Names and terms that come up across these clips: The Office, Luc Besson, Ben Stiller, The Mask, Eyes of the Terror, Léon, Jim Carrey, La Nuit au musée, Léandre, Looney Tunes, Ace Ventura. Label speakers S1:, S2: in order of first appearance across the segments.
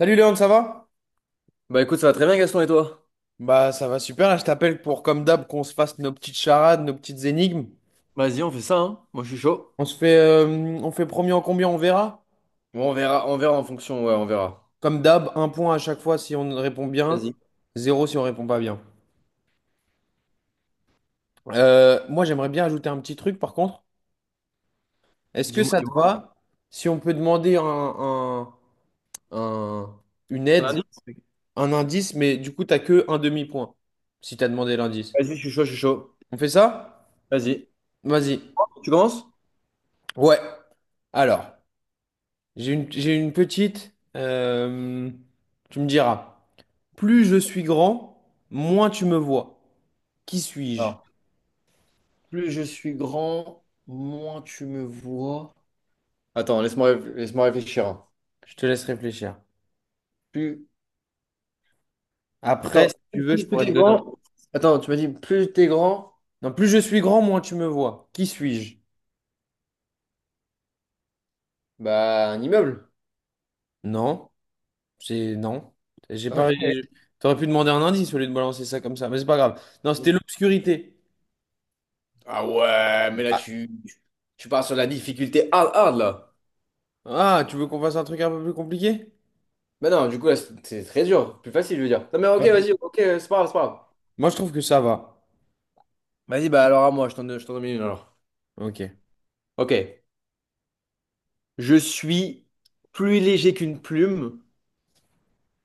S1: Salut Léon, ça va?
S2: Bah écoute, ça va très bien, Gaston, et toi?
S1: Bah ça va super, là je t'appelle pour comme d'hab qu'on se fasse nos petites charades, nos petites énigmes.
S2: Vas-y, on fait ça, hein. Moi, je suis chaud.
S1: On se fait on fait premier en combien, on verra.
S2: Bon, on verra en fonction, ouais, on verra.
S1: Comme d'hab, un point à chaque fois si on répond bien,
S2: Vas-y.
S1: zéro si on répond pas bien. Moi j'aimerais bien ajouter un petit truc par contre. Est-ce que
S2: Dis-moi,
S1: ça te
S2: dis-moi.
S1: va si on peut demander un- une
S2: Un
S1: aide,
S2: indice?
S1: un indice, mais du coup t'as que un demi-point si t'as demandé l'indice.
S2: Vas-y, je suis chaud, je suis chaud.
S1: On fait ça?
S2: Vas-y.
S1: Vas-y.
S2: Tu commences?
S1: Ouais. Alors. J'ai une petite, tu me diras, plus je suis grand, moins tu me vois. Qui suis-je?
S2: Alors, plus je suis grand, moins tu me vois. Attends, laisse-moi laisse-moi réfléchir, hein.
S1: Je te laisse réfléchir.
S2: Plus,
S1: Après,
S2: attends,
S1: si tu veux, je
S2: plus
S1: pourrais te
S2: t'es
S1: donner.
S2: grand. Attends, tu m'as dit plus t'es grand,
S1: Non, plus je suis grand, moins tu me vois. Qui suis-je?
S2: bah un immeuble.
S1: Non, c'est non. J'ai
S2: Ok.
S1: pas. Je- T'aurais pu demander un indice au lieu de balancer ça comme ça, mais c'est pas grave. Non, c'était l'obscurité.
S2: Ah ouais, mais là
S1: Ah,
S2: tu, tu pars sur la difficulté hard hard là.
S1: ah, tu veux qu'on fasse un truc un peu plus compliqué?
S2: Bah non, du coup, là, c'est très dur. Plus facile, je veux dire. Non, mais ok, vas-y, ok, c'est pas grave, c'est pas grave.
S1: Moi, je trouve que ça va.
S2: Vas-y, bah alors à moi, je t'en donne une alors.
S1: Ok.
S2: Ok. Je suis plus léger qu'une plume,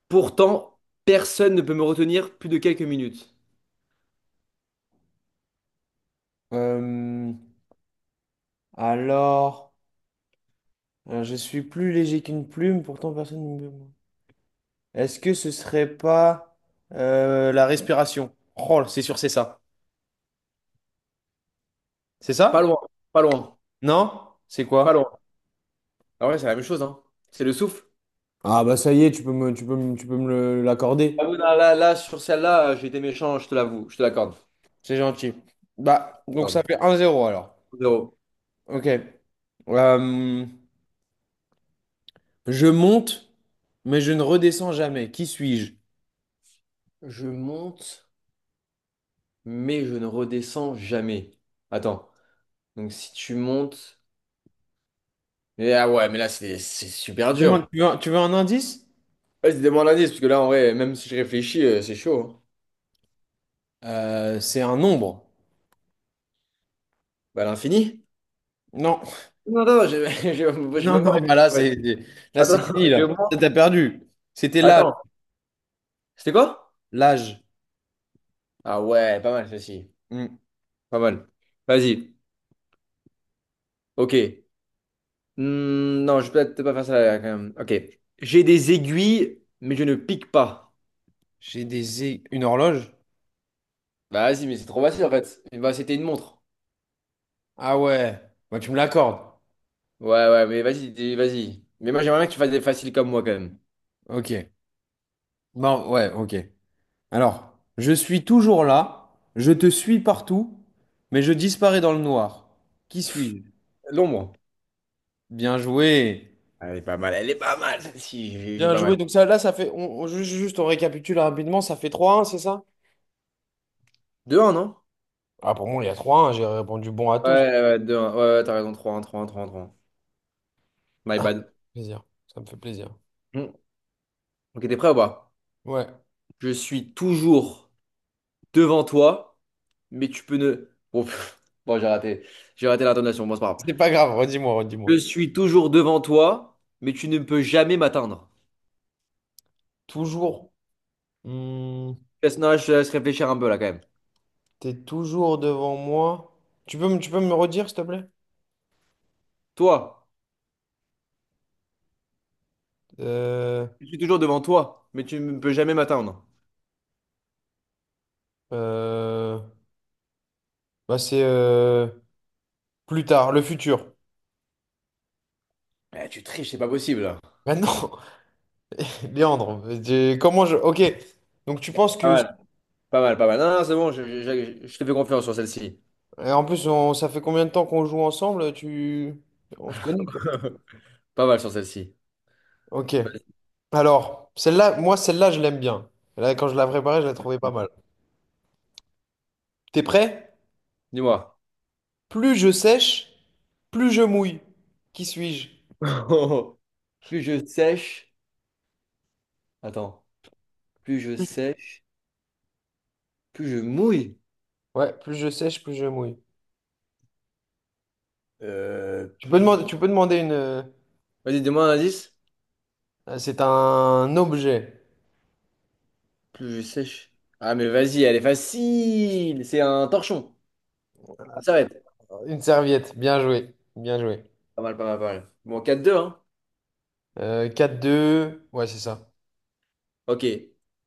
S2: pourtant, personne ne peut me retenir plus de quelques minutes.
S1: Euh, alors. Alors, je suis plus léger qu'une plume, pourtant personne ne me… Est-ce que ce serait pas la respiration? Oh, c'est sûr, c'est ça. C'est
S2: Pas
S1: ça?
S2: loin, pas loin,
S1: Non? C'est
S2: pas
S1: quoi?
S2: loin. Ah ouais, c'est la même chose, hein. C'est le souffle.
S1: Ah bah ça y est, tu peux me l'accorder.
S2: Ah oui, là, là, là, sur celle-là, j'ai été méchant, je te l'avoue, je te l'accorde.
S1: C'est gentil. Bah, donc ça
S2: Non,
S1: fait un zéro alors.
S2: zéro.
S1: Ok. Euh, je monte, mais je ne redescends jamais. Qui suis-je?
S2: Je monte, mais je ne redescends jamais. Attends. Donc si tu montes. Et ah ouais, mais là, c'est super
S1: Demande,
S2: dur.
S1: tu veux un indice?
S2: Vas-y, demande un indice, parce que là, en vrai, même si je réfléchis, c'est chaud, hein.
S1: C'est un nombre.
S2: Bah, l'infini?
S1: Non.
S2: Non, non, j'ai j'ai
S1: Non,
S2: même pas
S1: non, bah
S2: réfléchi, en fait.
S1: là,
S2: Attends,
S1: c'est fini, là. Là, t'as perdu. C'était l'âge.
S2: Attends, c'était quoi?
S1: L'âge.
S2: Ah ouais, pas mal, ceci.
S1: Hmm.
S2: Pas mal. Vas-y, ok. Non, je vais peut-être pas faire ça, là, quand même. Ok. J'ai des aiguilles, mais je ne pique pas.
S1: Une horloge?
S2: Bah, vas-y, mais c'est trop facile, en fait. Bah, c'était une montre.
S1: Ah ouais. Bah, tu me l'accordes.
S2: Ouais, ouais, mais vas-y, vas-y. Mais moi, j'aimerais bien que tu fasses des faciles comme moi, quand même.
S1: Ok. Bon, ouais, ok. Alors, je suis toujours là. Je te suis partout. Mais je disparais dans le noir. Qui suis-je?
S2: L'ombre.
S1: Bien joué.
S2: Elle est pas mal, elle est pas mal celle-ci, j'ai
S1: Bien
S2: pas
S1: joué.
S2: mal.
S1: Donc ça, là, ça fait… juste, on récapitule rapidement. Ça fait trois un c'est ça?
S2: Deux 1 non?
S1: Ah, pour moi, il y a trois un. J'ai répondu bon à
S2: Ouais,
S1: tous.
S2: ouais, deux, 1 ouais, ouais, t'as raison, trois, un, trois, un, trois, un, trois. 1 My
S1: Ah,
S2: bad.
S1: plaisir. Ça me fait plaisir.
S2: Hmm. Ok, t'es prêt ou pas?
S1: Ouais.
S2: Je suis toujours devant toi, mais tu peux ne... Bon, pff, bon, j'ai raté l'intonation, bon, c'est pas grave.
S1: C'est pas grave, redis-moi, redis-moi.
S2: Je suis toujours devant toi, mais tu ne peux jamais m'atteindre.
S1: Toujours. hmm,
S2: Laisse, non, je te laisse réfléchir un peu là quand même.
S1: t'es toujours devant moi. Tu peux me redire, s'il te plaît?
S2: Toi,
S1: Euh,
S2: je suis toujours devant toi, mais tu ne peux jamais m'atteindre.
S1: euh, bah c'est plus tard, le futur.
S2: Eh, tu triches, c'est pas possible.
S1: Maintenant, Léandre, comment je. Ok. Donc tu penses
S2: Pas
S1: que.
S2: mal, pas mal, pas mal. Non, non, c'est bon, je te fais confiance sur celle-ci.
S1: Et en plus, ça fait combien de temps qu'on joue ensemble? Tu… On se connaît, quoi.
S2: Pas mal sur celle-ci.
S1: Ok.
S2: Vas-y.
S1: Alors, celle-là, moi, celle-là, je l'aime bien. Là, quand je l'ai préparée, je la trouvais pas
S2: Ouais.
S1: mal. T'es prêt?
S2: Dis-moi.
S1: Plus je sèche, plus je mouille. Qui suis-je?
S2: Plus je sèche. Attends. Plus je
S1: Ouais.
S2: sèche, plus je mouille.
S1: Ouais, plus je sèche, plus je mouille.
S2: Euh, plus je-
S1: Tu peux demander une.
S2: Vas-y, dis-moi un indice.
S1: C'est un objet.
S2: Plus je sèche. Ah, mais vas-y, elle est facile. C'est un torchon. Une s'arrête.
S1: Une serviette. Bien joué. Bien joué.
S2: Pas mal, pas mal, pas mal. Bon, 4-2, hein.
S1: 4-2. Ouais, c'est ça.
S2: Ok.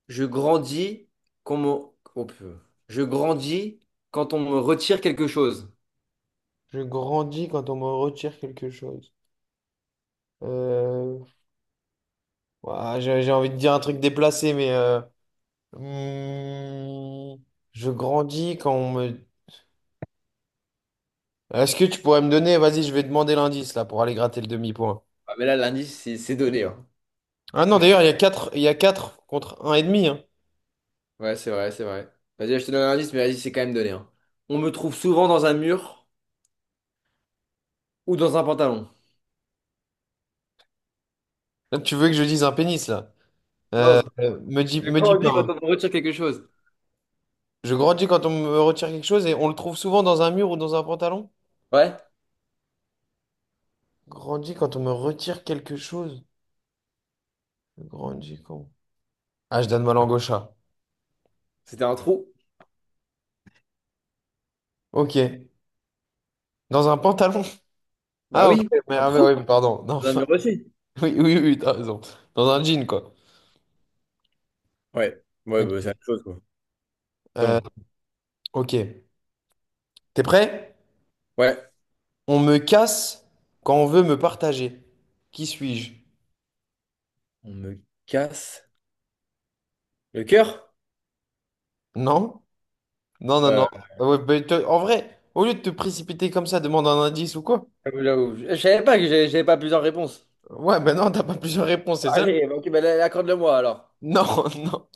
S2: Je grandis quand oh, peu. Je grandis quand on me retire quelque chose.
S1: Je grandis quand on me retire quelque chose. Euh, ouah, j'ai envie de dire un truc déplacé, mais. Hmm, je grandis quand on me. Est-ce que tu pourrais me donner. Vas-y, je vais demander l'indice là pour aller gratter le demi-point.
S2: Ah, mais là, l'indice, c'est donné, hein.
S1: Ah non, d'ailleurs, il y a quatre contre 1,5. Hein.
S2: Ouais, c'est vrai, c'est vrai. Vas-y, je te donne un indice, mais vas-y, c'est quand même donné, hein. On me trouve souvent dans un mur ou dans un pantalon.
S1: Là, tu veux que je dise un pénis là?
S2: Non, c'est pas- c'est
S1: Me
S2: comment
S1: dis
S2: on
S1: pas.
S2: dit quand
S1: Hein.
S2: on retire quelque chose?
S1: Je grandis quand on me retire quelque chose et on le trouve souvent dans un mur ou dans un pantalon.
S2: Ouais,
S1: Grandis quand on me retire quelque chose. Je grandis quand. Ah, je donne ma langue au chat.
S2: c'était un trou.
S1: Ok. Dans un pantalon.
S2: Bah
S1: Ah, ok.
S2: oui,
S1: Mais,
S2: un
S1: ah, mais
S2: trou
S1: oui, pardon. Non,
S2: dans un
S1: enfin,
S2: mur aussi.
S1: oui, oui, oui, t'as raison. Dans un jean, quoi.
S2: Ouais, ouais, bah, c'est
S1: Ok.
S2: la même chose, quoi.
S1: Euh,
S2: Pantalon.
S1: ok. T'es prêt?
S2: Ouais,
S1: On me casse quand on veut me partager. Qui suis-je?
S2: on me casse le cœur?
S1: Non? Non, non, non.
S2: Euh,
S1: Ah ouais, bah, en vrai, au lieu de te précipiter comme ça, demande un indice ou quoi?
S2: Je savais pas que j'avais pas plusieurs réponses.
S1: Ouais, ben non, t'as pas plusieurs réponses, c'est ça?
S2: Allez, bah, ok, bah, là, accorde-le-moi alors.
S1: Non, non.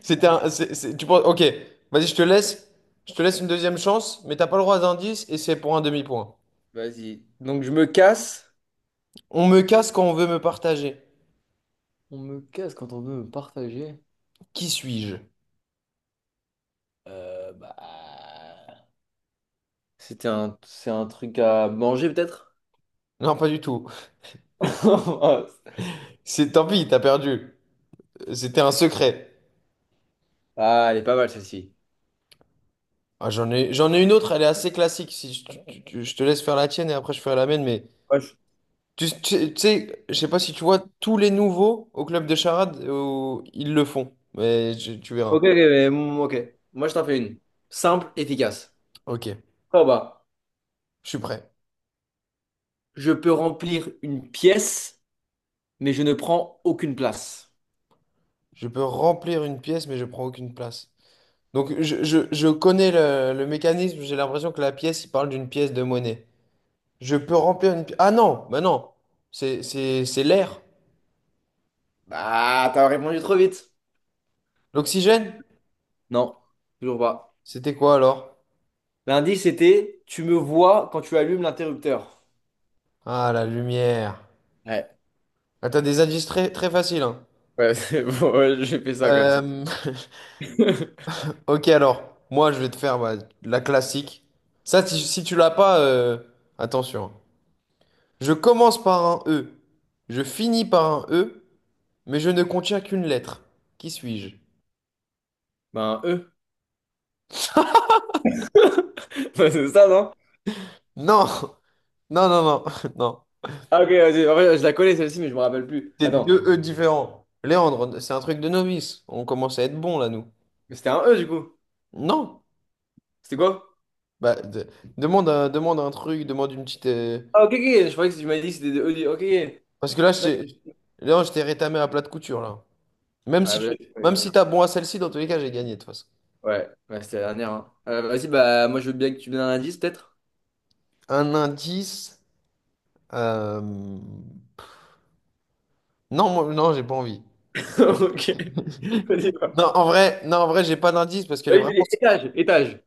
S1: C'était un. C'est- tu penses. Ok, vas-y, je te laisse. Je te laisse une deuxième chance, mais t'as pas le droit d'indice et c'est pour un demi-point.
S2: Vas-y. Donc, je me casse.
S1: On me casse quand on veut me partager.
S2: On me casse quand on veut me partager.
S1: Qui suis-je?
S2: Bah. C'était un, c'est un truc à manger peut-être?
S1: Non, pas du tout. C'est tant pis, t'as perdu. C'était un secret.
S2: Ah, elle est pas mal celle-ci.
S1: Ah, j'en ai une autre, elle est assez classique. Si je, tu- tu- tu- je te laisse faire la tienne et après je ferai la mienne, mais
S2: Moi, je-
S1: tu sais, je sais pas si tu vois tous les nouveaux au club de charade, ils le font, tu verras.
S2: Ok, ok, mais ok. Moi, je t'en fais une. Simple, efficace.
S1: Ok,
S2: Oh bah,
S1: je suis prêt.
S2: je peux remplir une pièce, mais je ne prends aucune place.
S1: Je peux remplir une pièce, mais je prends aucune place. Donc je connais le mécanisme, j'ai l'impression que la pièce, il parle d'une pièce de monnaie. Je peux remplir une pièce. Ah non, bah non, c'est l'air.
S2: Bah, t'as répondu trop vite.
S1: L'oxygène?
S2: Non, toujours pas.
S1: C'était quoi alors?
S2: L'indice c'était, tu me vois quand tu allumes l'interrupteur.
S1: Ah, la lumière.
S2: Ouais,
S1: Ah, t'as des indices très, très faciles, hein.
S2: ouais, c'est bon, ouais, j'ai fait ça comme ça.
S1: Euh, ok alors, moi je vais te faire bah, la classique. Ça, si tu l'as pas, attention. Je commence par un E, je finis par un E, mais je ne contiens qu'une lettre. Qui suis-je?
S2: Ben, E. C'est ça, non?
S1: Non! Non, non, non, non.
S2: Ah, ok, vas-y. En fait, je la connais celle-ci, mais je me rappelle plus.
S1: C'est
S2: Attends.
S1: deux E différents. Léandre, c'est un truc de novice. On commence à être bon là, nous.
S2: Mais c'était un E du coup.
S1: Non!
S2: C'était quoi?
S1: Bah, de- demande demande un truc, demande une petite.
S2: Ah, ok, ok, je croyais que tu m'as dit que c'était des E. Ok, ok.
S1: Parce que là,
S2: Non.
S1: Léandre, je t'ai rétamé à plat de couture, là. Même
S2: Ouais,
S1: si
S2: bah là,
S1: tu…
S2: c'est pas
S1: Même
S2: grave.
S1: si t'as bon à celle-ci, dans tous les cas, j'ai gagné, de toute façon.
S2: Ouais, ouais, c'était la dernière, hein. Vas-y, bah, moi, je veux bien que tu me donnes un indice, peut-être.
S1: Un indice. euh, Non, moi, non, j'ai pas envie.
S2: Ok. Vas-y, bah.
S1: Non, en vrai, non, en vrai, j'ai pas d'indice parce qu'elle est
S2: Vas-y,
S1: vraiment,
S2: vas-y, étage, étage.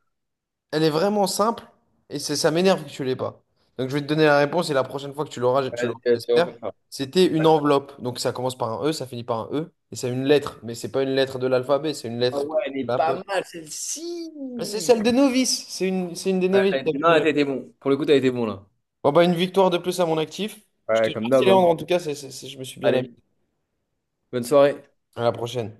S1: elle est vraiment simple et ça m'énerve que tu l'aies pas. Donc je vais te donner la réponse et la prochaine fois que tu
S2: Vas-y,
S1: l'auras,
S2: vas-y, on fait
S1: j'espère.
S2: ça.
S1: C'était une
S2: Ouais.
S1: enveloppe. Donc ça commence par un E, ça finit par un E et c'est une lettre, mais c'est pas une lettre de l'alphabet, c'est une
S2: Ah
S1: lettre
S2: ouais, elle
S1: de
S2: est
S1: la
S2: pas
S1: poste.
S2: mal,
S1: Mais c'est
S2: celle-ci.
S1: celle des novices. C'est une des
S2: Ouais,
S1: novices.
S2: t'as
S1: Je
S2: été...
S1: t'avais
S2: Non, t'as
S1: dit.
S2: été bon. Pour le coup, t'as été bon, là.
S1: Bon bah une victoire de plus à mon actif. Je te
S2: Ouais, comme
S1: remercie
S2: d'hab, hein.
S1: Léandre en tout cas, je me suis bien amusé.
S2: Allez, bonne soirée.
S1: À la prochaine.